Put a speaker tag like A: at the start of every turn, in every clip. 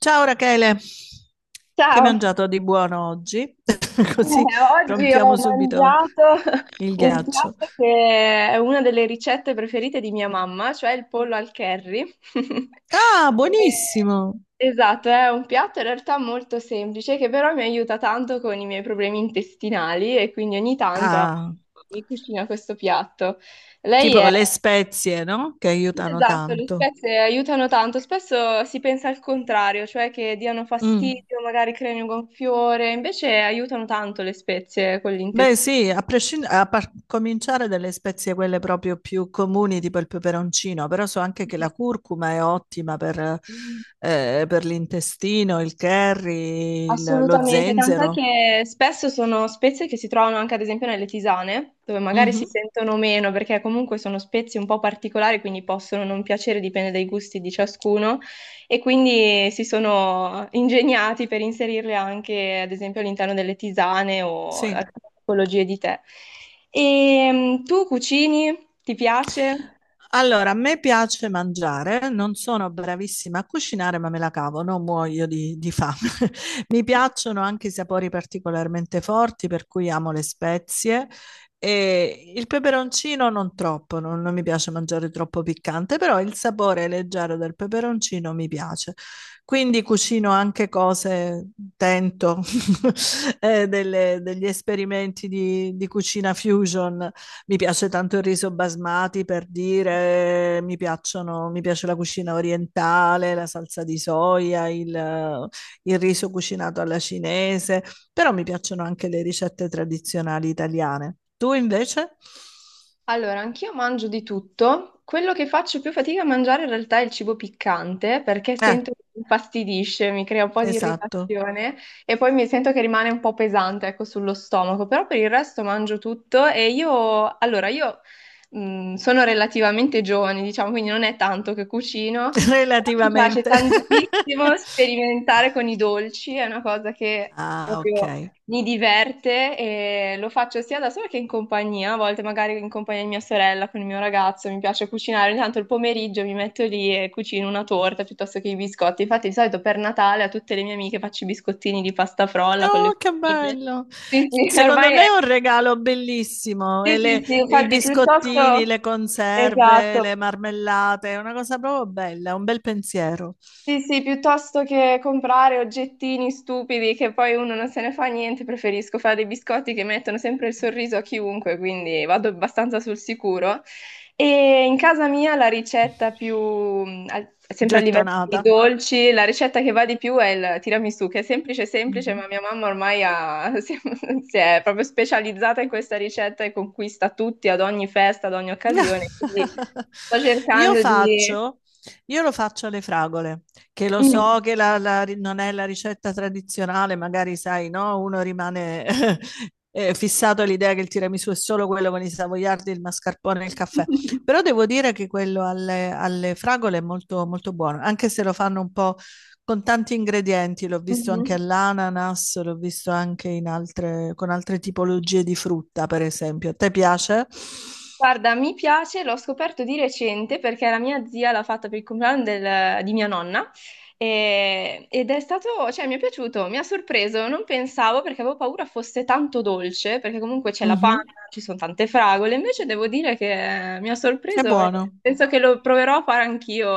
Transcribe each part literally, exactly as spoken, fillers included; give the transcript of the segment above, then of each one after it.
A: Ciao Rachele, che hai
B: Ciao.
A: mangiato di buono oggi? Così
B: Eh, oggi ho
A: rompiamo subito
B: mangiato
A: il
B: un
A: ghiaccio.
B: piatto che è una delle ricette preferite di mia mamma, cioè il pollo al curry.
A: Ah,
B: Eh,
A: buonissimo!
B: Esatto, è un piatto in realtà molto semplice che però mi aiuta tanto con i miei problemi intestinali e quindi ogni tanto
A: Ah,
B: mi cucina questo piatto. Lei
A: tipo
B: è
A: le spezie, no? Che
B: Sì,
A: aiutano
B: esatto, le
A: tanto.
B: spezie aiutano tanto, spesso si pensa al contrario, cioè che diano
A: Mm.
B: fastidio, magari creino un gonfiore, invece aiutano tanto le spezie con
A: Beh,
B: l'intestino.
A: sì, a prescind- a par- cominciare dalle spezie quelle proprio più comuni, tipo il peperoncino, però so anche che la curcuma è ottima per, eh, per l'intestino, il curry, il- lo
B: Assolutamente, tant'è
A: zenzero.
B: che spesso sono spezie che si trovano anche ad esempio nelle tisane, dove magari si
A: Mhm.
B: sentono meno perché comunque sono spezie un po' particolari, quindi possono non piacere, dipende dai gusti di ciascuno, e quindi si sono ingegnati per inserirle anche ad esempio all'interno delle tisane o
A: Sì.
B: altre tipologie di tè. E mm, tu cucini? Ti piace?
A: Allora, a me piace mangiare, non sono bravissima a cucinare, ma me la cavo, non muoio di, di fame. Mi piacciono anche i sapori particolarmente forti, per cui amo le spezie. E il peperoncino non troppo, non, non mi piace mangiare troppo piccante, però il sapore leggero del peperoncino mi piace. Quindi cucino anche cose, tento eh, delle- degli esperimenti di, di cucina fusion. Mi piace tanto il riso basmati per dire, mi piacciono, mi piace la cucina orientale, la salsa di soia, il, il riso cucinato alla cinese, però mi piacciono anche le ricette tradizionali italiane. Tu invece?
B: Allora, anch'io mangio di tutto. Quello che faccio più fatica a mangiare in realtà è il cibo piccante perché
A: Eh,
B: sento che mi infastidisce, mi crea un po' di
A: esatto.
B: irritazione e poi mi sento che rimane un po' pesante, ecco, sullo stomaco. Però per il resto mangio tutto e io, allora, io mh, sono relativamente giovane, diciamo, quindi non è tanto che cucino. Però mi piace
A: Relativamente.
B: tantissimo sperimentare con i dolci, è una cosa che
A: Ah,
B: proprio
A: ok.
B: mi diverte e lo faccio sia da sola che in compagnia, a volte magari in compagnia di mia sorella con il mio ragazzo, mi piace cucinare, ogni tanto il pomeriggio mi metto lì e cucino una torta piuttosto che i biscotti. Infatti di solito per Natale a tutte le mie amiche faccio i biscottini di pasta frolla con le
A: No, che
B: pupine.
A: bello!
B: Sì, sì,
A: Secondo
B: ormai
A: me
B: è.
A: è un regalo bellissimo.
B: Sì,
A: E
B: sì,
A: le-
B: sì,
A: i
B: infatti piuttosto...
A: biscottini, le conserve, le
B: Esatto.
A: marmellate, è una cosa proprio bella, un bel pensiero.
B: Sì, sì, piuttosto che comprare oggettini stupidi che poi uno non se ne fa niente, preferisco fare dei biscotti che mettono sempre il sorriso a chiunque, quindi vado abbastanza sul sicuro. E in casa mia la ricetta più, mh, al- sempre a livello di
A: Gettonata.
B: dolci, la ricetta che va di più è il tiramisù, che è semplice, semplice, ma
A: Mhm.
B: mia mamma ormai ha- si si è proprio specializzata in questa ricetta e conquista tutti ad ogni festa, ad ogni occasione. Quindi sto
A: Io
B: cercando di...
A: faccio, io lo faccio alle fragole, che lo
B: Mm.
A: so che la- la ri- non è la ricetta tradizionale, magari sai, no? Uno rimane eh, fissato all'idea che il tiramisù è solo quello con i savoiardi, il mascarpone e il caffè. Però devo dire che quello alle, alle fragole è molto, molto buono, anche se lo fanno un po' con tanti ingredienti, l'ho visto anche
B: Mhm.
A: all'ananas, l'ho visto anche in altre- con altre tipologie di frutta, per esempio. A te piace?
B: Guarda, mi piace, l'ho scoperto di recente perché la mia zia l'ha fatta per il compleanno del- di mia nonna e- ed è stato, cioè mi è piaciuto, mi ha sorpreso, non pensavo perché avevo paura fosse tanto dolce, perché comunque c'è la
A: Mh-mh.
B: panna, ci sono tante fragole, invece devo dire che mi ha
A: È
B: sorpreso e
A: buono.
B: penso che lo proverò a fare anch'io.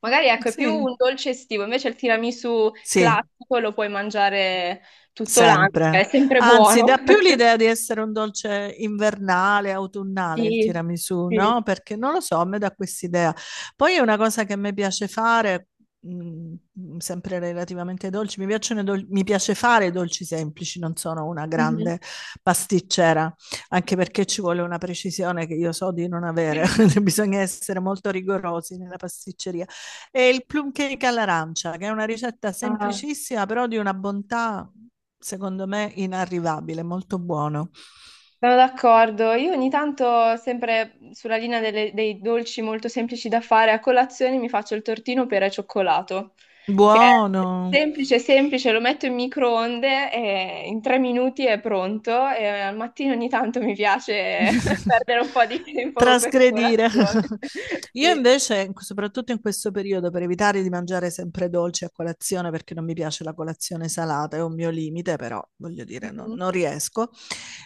B: Magari
A: Mhmm,
B: ecco, è
A: sì,
B: più un dolce estivo, invece il tiramisù
A: sì,
B: classico lo puoi mangiare tutto l'anno, è
A: sempre.
B: sempre
A: Anzi,
B: buono.
A: dà più l'idea di essere un dolce invernale, autunnale il
B: Sì,
A: tiramisù,
B: sì.
A: no, perché non lo so, a me dà quest'idea. Poi è una cosa che a me piace fare, mhmm, mhmm, sempre relativamente ai dolci, mi piacciono i dol mi piace fare i dolci semplici, non sono una grande pasticcera, anche perché ci vuole una precisione che io so di non avere, bisogna essere molto rigorosi nella pasticceria. E il plum cake all'arancia, che è una ricetta
B: Ah,
A: semplicissima, però di una bontà, secondo me, inarrivabile, molto buono.
B: sono d'accordo. Io ogni tanto, sempre sulla linea delle- dei dolci molto semplici da fare, a colazione mi faccio il tortino per e cioccolato, che è
A: Buono.
B: semplice, semplice, lo metto in microonde e in tre minuti è pronto. E al mattino ogni tanto mi piace perdere un po' di tempo con questa
A: Trasgredire.
B: colazione.
A: Io
B: Sì.
A: invece, soprattutto in questo periodo, per evitare di mangiare sempre dolci a colazione, perché non mi piace la colazione salata, è un mio limite, però voglio dire, non,
B: Mhm.
A: non riesco.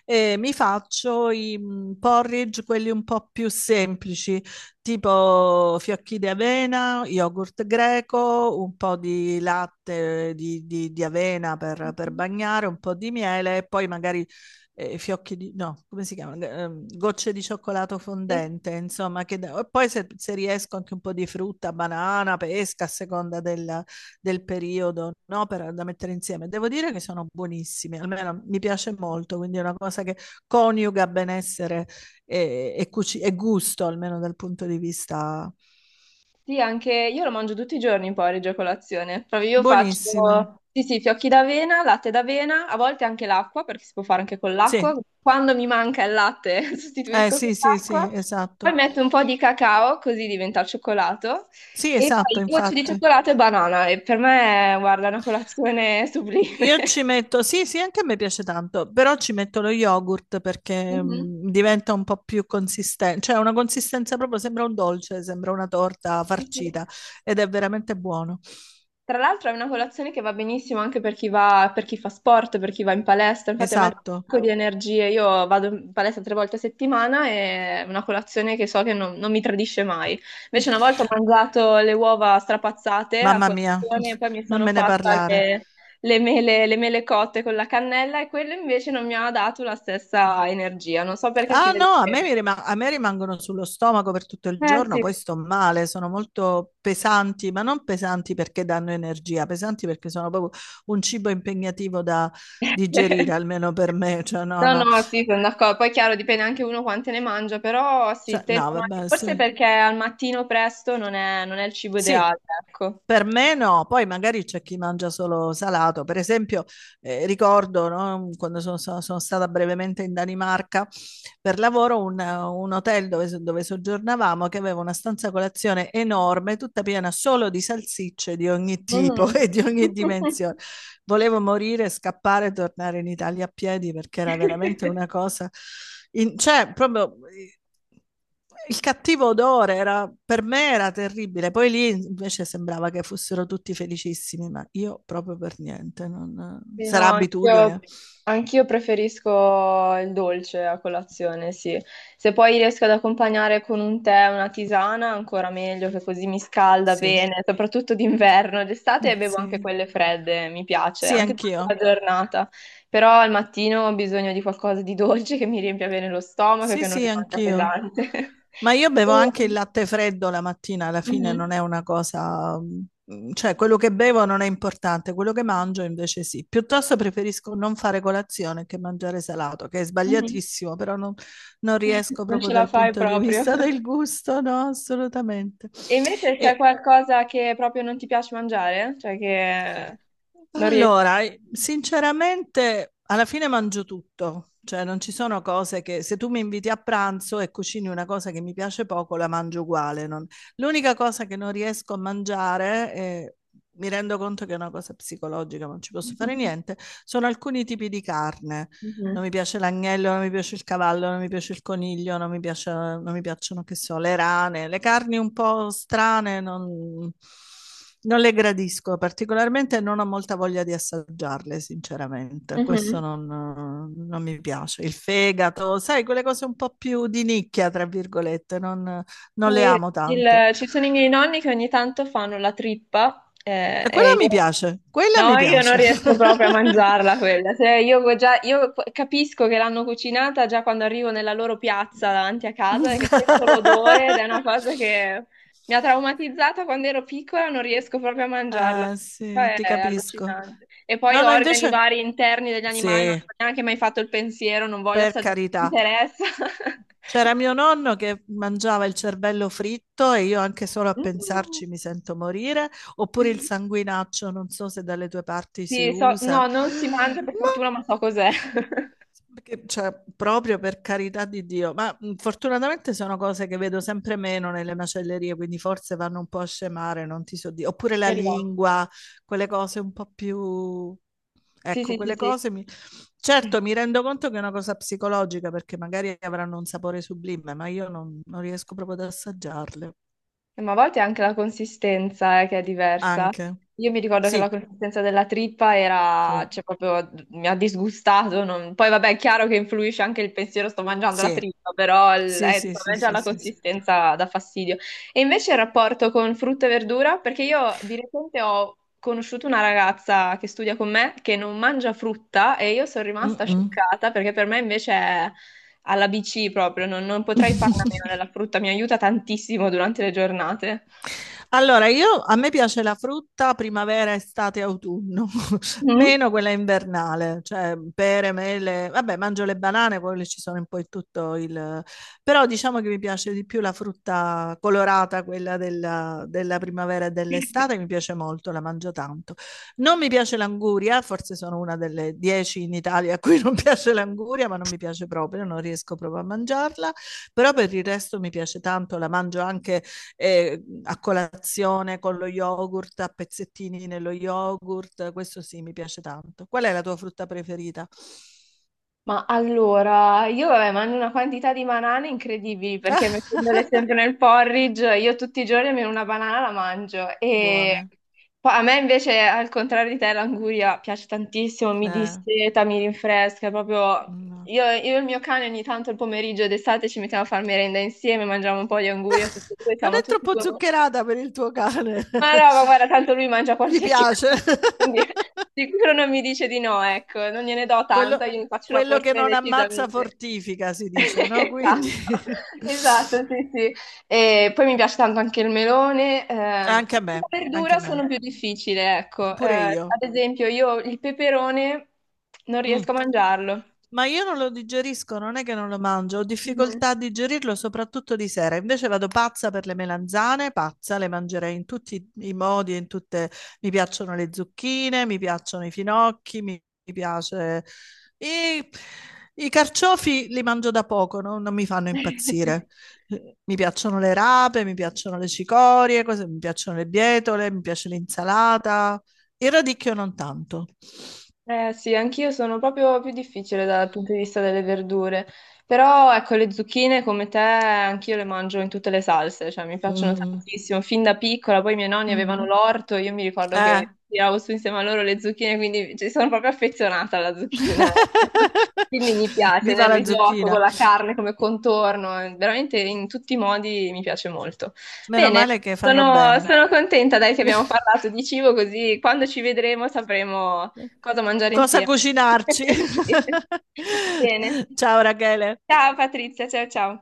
A: E mi faccio i mm, porridge, quelli un po' più semplici, tipo fiocchi di avena, yogurt greco, un po' di latte di, di- di avena per, per
B: Mhm.
A: bagnare, un po' di miele e poi magari eh, fiocchi di, no, come si chiama? Ehm, gocce di cioccolato
B: Sì.
A: fondente, insomma, che da- e poi se, se riesco anche un po' di frutta, banana, pesca, a seconda del, del periodo, no? Per, da mettere insieme. Devo dire che sono buonissimi, almeno mi piace molto, quindi è una cosa che coniuga benessere e, e, cuci- e gusto, almeno dal punto di vista
B: Sì, anche io lo mangio tutti i giorni il porridge a colazione. Proprio io
A: buonissimo.
B: faccio, sì, sì, fiocchi d'avena, latte d'avena, a volte anche l'acqua, perché si può fare anche con
A: Sì,
B: l'acqua. Quando mi manca il latte,
A: eh,
B: sostituisco con
A: sì, sì, sì,
B: l'acqua. Poi
A: esatto.
B: metto un po' di cacao, così diventa il cioccolato.
A: Sì,
B: E
A: esatto,
B: poi gocce di
A: infatti.
B: cioccolato e banana. E per me, guarda, è una colazione sublime.
A: Io ci metto, sì, sì, anche a me piace tanto, però ci metto lo yogurt perché
B: Mhm.
A: mm, diventa un po' più consistente, cioè ha una consistenza proprio, sembra un dolce, sembra una torta
B: Sì, sì.
A: farcita ed è veramente buono.
B: Tra l'altro è una colazione che va benissimo anche per chi va, per chi fa sport, per chi va in palestra. Infatti a me dà un
A: Esatto.
B: sacco di energie. Io vado in palestra tre volte a settimana e è una colazione che so che non, non mi tradisce mai. Invece una volta ho mangiato le uova strapazzate a
A: Mamma mia,
B: colazione e poi mi
A: non
B: sono
A: me ne
B: fatta
A: parlare.
B: le, le mele, le mele cotte con la cannella e quello invece non mi ha dato la stessa energia. Non so perché si
A: Ah
B: vede
A: no, a me,
B: che...
A: mi rima- a me rimangono sullo stomaco per tutto il
B: Eh
A: giorno,
B: sì.
A: poi sto male, sono molto pesanti, ma non pesanti perché danno energia, pesanti perché sono proprio un cibo impegnativo da digerire, almeno per me, cioè no,
B: No,
A: no,
B: no, sì, sono d'accordo. Poi è chiaro, dipende anche uno quante ne mangia, però sì,
A: cioè, no,
B: tendono a-
A: vabbè,
B: forse
A: sì,
B: perché al mattino presto non è, non è il cibo
A: sì,
B: ideale, ecco.
A: per me no, poi magari c'è chi mangia solo salato. Per esempio, eh, ricordo, no, quando sono, sono- sono stata brevemente in Danimarca per lavoro, un, un hotel dove, so- dove soggiornavamo che aveva una stanza colazione enorme, tutta piena solo di salsicce di ogni tipo e
B: Mm.
A: di ogni dimensione, volevo morire, scappare e tornare in Italia a piedi perché era veramente una cosa... in- cioè, proprio il cattivo odore era, per me era terribile. Poi lì invece sembrava che fossero tutti felicissimi, ma io proprio per niente. non-
B: Sì,
A: Sarà
B: no, anch'io
A: abitudine.
B: anch'io preferisco il dolce a colazione, sì. Se poi riesco ad accompagnare con un tè, una tisana, ancora meglio, che così mi scalda
A: Sì,
B: bene, soprattutto d'inverno. D'estate bevo anche
A: sì.
B: quelle fredde, mi piace,
A: Sì,
B: anche
A: anch'io.
B: durante la giornata. Però al mattino ho bisogno di qualcosa di dolce che mi riempia bene lo stomaco e
A: Sì,
B: che non
A: sì,
B: rimanga
A: anch'io.
B: pesante.
A: Ma io bevo anche
B: E-
A: il latte freddo la mattina, alla fine non
B: Mhm,
A: è una cosa, mm, cioè quello che bevo non è importante, quello che mangio invece sì. Piuttosto preferisco non fare colazione che mangiare salato, che è
B: mhm.
A: sbagliatissimo, però non, non riesco
B: Non
A: proprio
B: ce la
A: dal
B: fai
A: punto di
B: proprio.
A: vista del gusto, no, assolutamente.
B: E invece c'è
A: E
B: qualcosa che proprio non ti piace mangiare? Cioè che non riesci...
A: allora, eh, sinceramente, alla fine mangio tutto, cioè non ci sono cose che se tu mi inviti a pranzo e cucini una cosa che mi piace poco, la mangio uguale. non- L'unica cosa che non riesco a mangiare, eh, mi rendo conto che è una cosa psicologica, ma non ci posso fare niente, sono alcuni tipi di carne. Non
B: Mhm.
A: mi piace l'agnello, non mi piace il cavallo, non mi piace il coniglio, non mi piace- non mi piacciono, che so, le rane, le carni un po' strane, non, non le gradisco particolarmente e non ho molta voglia di assaggiarle, sinceramente. Questo
B: Mhm.
A: non, non mi piace. Il fegato, sai, quelle cose un po' più di nicchia, tra virgolette, non, non le
B: Sì,
A: amo tanto.
B: il- ci sono i miei nonni che ogni tanto fanno la trippa eh,
A: E quella
B: e
A: mi
B: io,
A: piace, quella mi
B: no, io non
A: piace.
B: riesco proprio a mangiarla quella. Se io, già, io capisco che l'hanno cucinata già quando arrivo nella loro piazza davanti a casa e che sento l'odore ed è una cosa che mi ha traumatizzata quando ero piccola, non riesco proprio a mangiarla.
A: Eh, sì,
B: È
A: ti capisco.
B: allucinante. E poi
A: No, no,
B: organi
A: invece
B: vari interni degli animali, non
A: sì,
B: ho neanche mai fatto il pensiero, non voglio
A: per
B: assaggiare, non
A: carità.
B: mi interessa.
A: C'era mio nonno che mangiava il cervello fritto e io anche solo a pensarci mi sento morire, oppure il
B: Mm.
A: sanguinaccio, non so se dalle tue parti si
B: Sì, so-
A: usa.
B: no, non si mangia per
A: Ma
B: fortuna, ma so cos'è.
A: che- cioè, proprio per carità di Dio, ma mh, fortunatamente sono cose che vedo sempre meno nelle macellerie, quindi forse vanno un po' a scemare, non ti so dire. Oppure la
B: Speriamo.
A: lingua, quelle cose un po' più...
B: Sì,
A: Ecco,
B: sì, sì,
A: quelle
B: sì.
A: cose mi... Certo, mi rendo conto che è una cosa psicologica perché magari avranno un sapore sublime, ma io non, non riesco proprio ad assaggiarle.
B: Eh, Ma a volte anche la consistenza, eh, che è diversa.
A: Anche.
B: Io mi ricordo che la
A: Sì,
B: consistenza della trippa era,
A: sì,
B: cioè, proprio mi ha disgustato. non- Poi, vabbè, è chiaro che influisce anche il pensiero, sto mangiando la
A: sì,
B: trippa, però il-
A: sì,
B: eh,
A: sì,
B: per
A: sì,
B: me già
A: sì,
B: la
A: sì, sì.
B: consistenza dà fastidio. E invece il rapporto con frutta e verdura, perché io di recente ho conosciuto una ragazza che studia con me che non mangia frutta e io sono rimasta
A: Mm-mm.
B: scioccata perché per me invece è alla B C proprio, non, non potrei farla a meno della frutta, mi aiuta tantissimo durante le giornate.
A: Allora, io, a me piace la frutta primavera, estate, autunno,
B: Mm?
A: meno quella invernale, cioè pere, mele, vabbè, mangio le banane, poi ci sono un po' in tutto il... però diciamo che mi piace di più la frutta colorata, quella della, della primavera e dell'estate, mi piace molto, la mangio tanto. Non mi piace l'anguria, forse sono una delle dieci in Italia a cui non piace l'anguria, ma non mi piace proprio, non riesco proprio a mangiarla, però per il resto mi piace tanto, la mangio anche eh, a colazione con lo yogurt, a pezzettini nello yogurt, questo sì, mi piace tanto. Qual è la tua frutta preferita?
B: Ma allora, io vabbè, mangio una quantità di banane incredibili perché mettendole sempre nel porridge, io tutti i giorni almeno una banana la mangio. E
A: Buone.
B: poi a me invece, al contrario di te, l'anguria piace tantissimo, mi
A: Eh,
B: disseta, mi rinfresca, proprio...
A: no.
B: Io, io e il mio cane ogni tanto il pomeriggio d'estate ci mettiamo a fare merenda insieme, mangiamo un po' di anguria tutti e due,
A: Non
B: siamo
A: è
B: tutti e
A: troppo
B: due
A: zuccherata per il tuo cane.
B: Ma no, ma guarda, tanto lui mangia
A: Gli
B: qualsiasi
A: piace.
B: cosa, quindi sicuro non mi dice di no, ecco, non gliene do
A: Quello,
B: tanta, io ne faccio una
A: quello che
B: porzione
A: non ammazza
B: decisamente.
A: fortifica, si dice, no? Quindi
B: Esatto, esatto, sì, sì. E poi mi piace tanto anche il melone. Ehm,
A: anche a
B: la
A: me, anche
B: verdura
A: a me.
B: sono più difficile, ecco. Eh,
A: Pure io.
B: ad esempio, io il peperone non riesco
A: Mm.
B: a mangiarlo.
A: Ma io non lo digerisco, non è che non lo mangio, ho
B: Mhm.
A: difficoltà a digerirlo soprattutto di sera. Invece vado pazza per le melanzane, pazza, le mangerei in tutti i modi, in tutte... Mi piacciono le zucchine, mi piacciono i finocchi, mi, mi piace... I... i carciofi li mangio da poco, no? Non mi fanno impazzire. Eh, Mi piacciono le rape, mi piacciono le cicorie, cose- mi piacciono le bietole, mi piace l'insalata. Il radicchio non tanto.
B: Eh sì, anch'io sono proprio più difficile dal punto di vista delle verdure, però ecco le zucchine come te anch'io le mangio in tutte le salse, cioè mi piacciono
A: Mm.
B: tantissimo, fin da piccola, poi i miei nonni avevano
A: Mhm.
B: l'orto, io mi ricordo
A: Eh.
B: che tiravo su insieme a loro le zucchine, quindi ci sono proprio affezionata alla zucchina, ecco. Quindi mi piace
A: Viva
B: nel
A: la
B: risotto, con
A: zucchina.
B: la carne come contorno, eh, veramente in tutti i modi mi piace molto.
A: Meno
B: Bene.
A: male che fanno
B: Sono,
A: bene.
B: sono contenta, dai, che abbiamo parlato di cibo, così quando ci vedremo sapremo cosa mangiare
A: Cosa
B: insieme.
A: cucinarci?
B: Bene.
A: Ciao Rachele.
B: Ciao Patrizia, ciao ciao.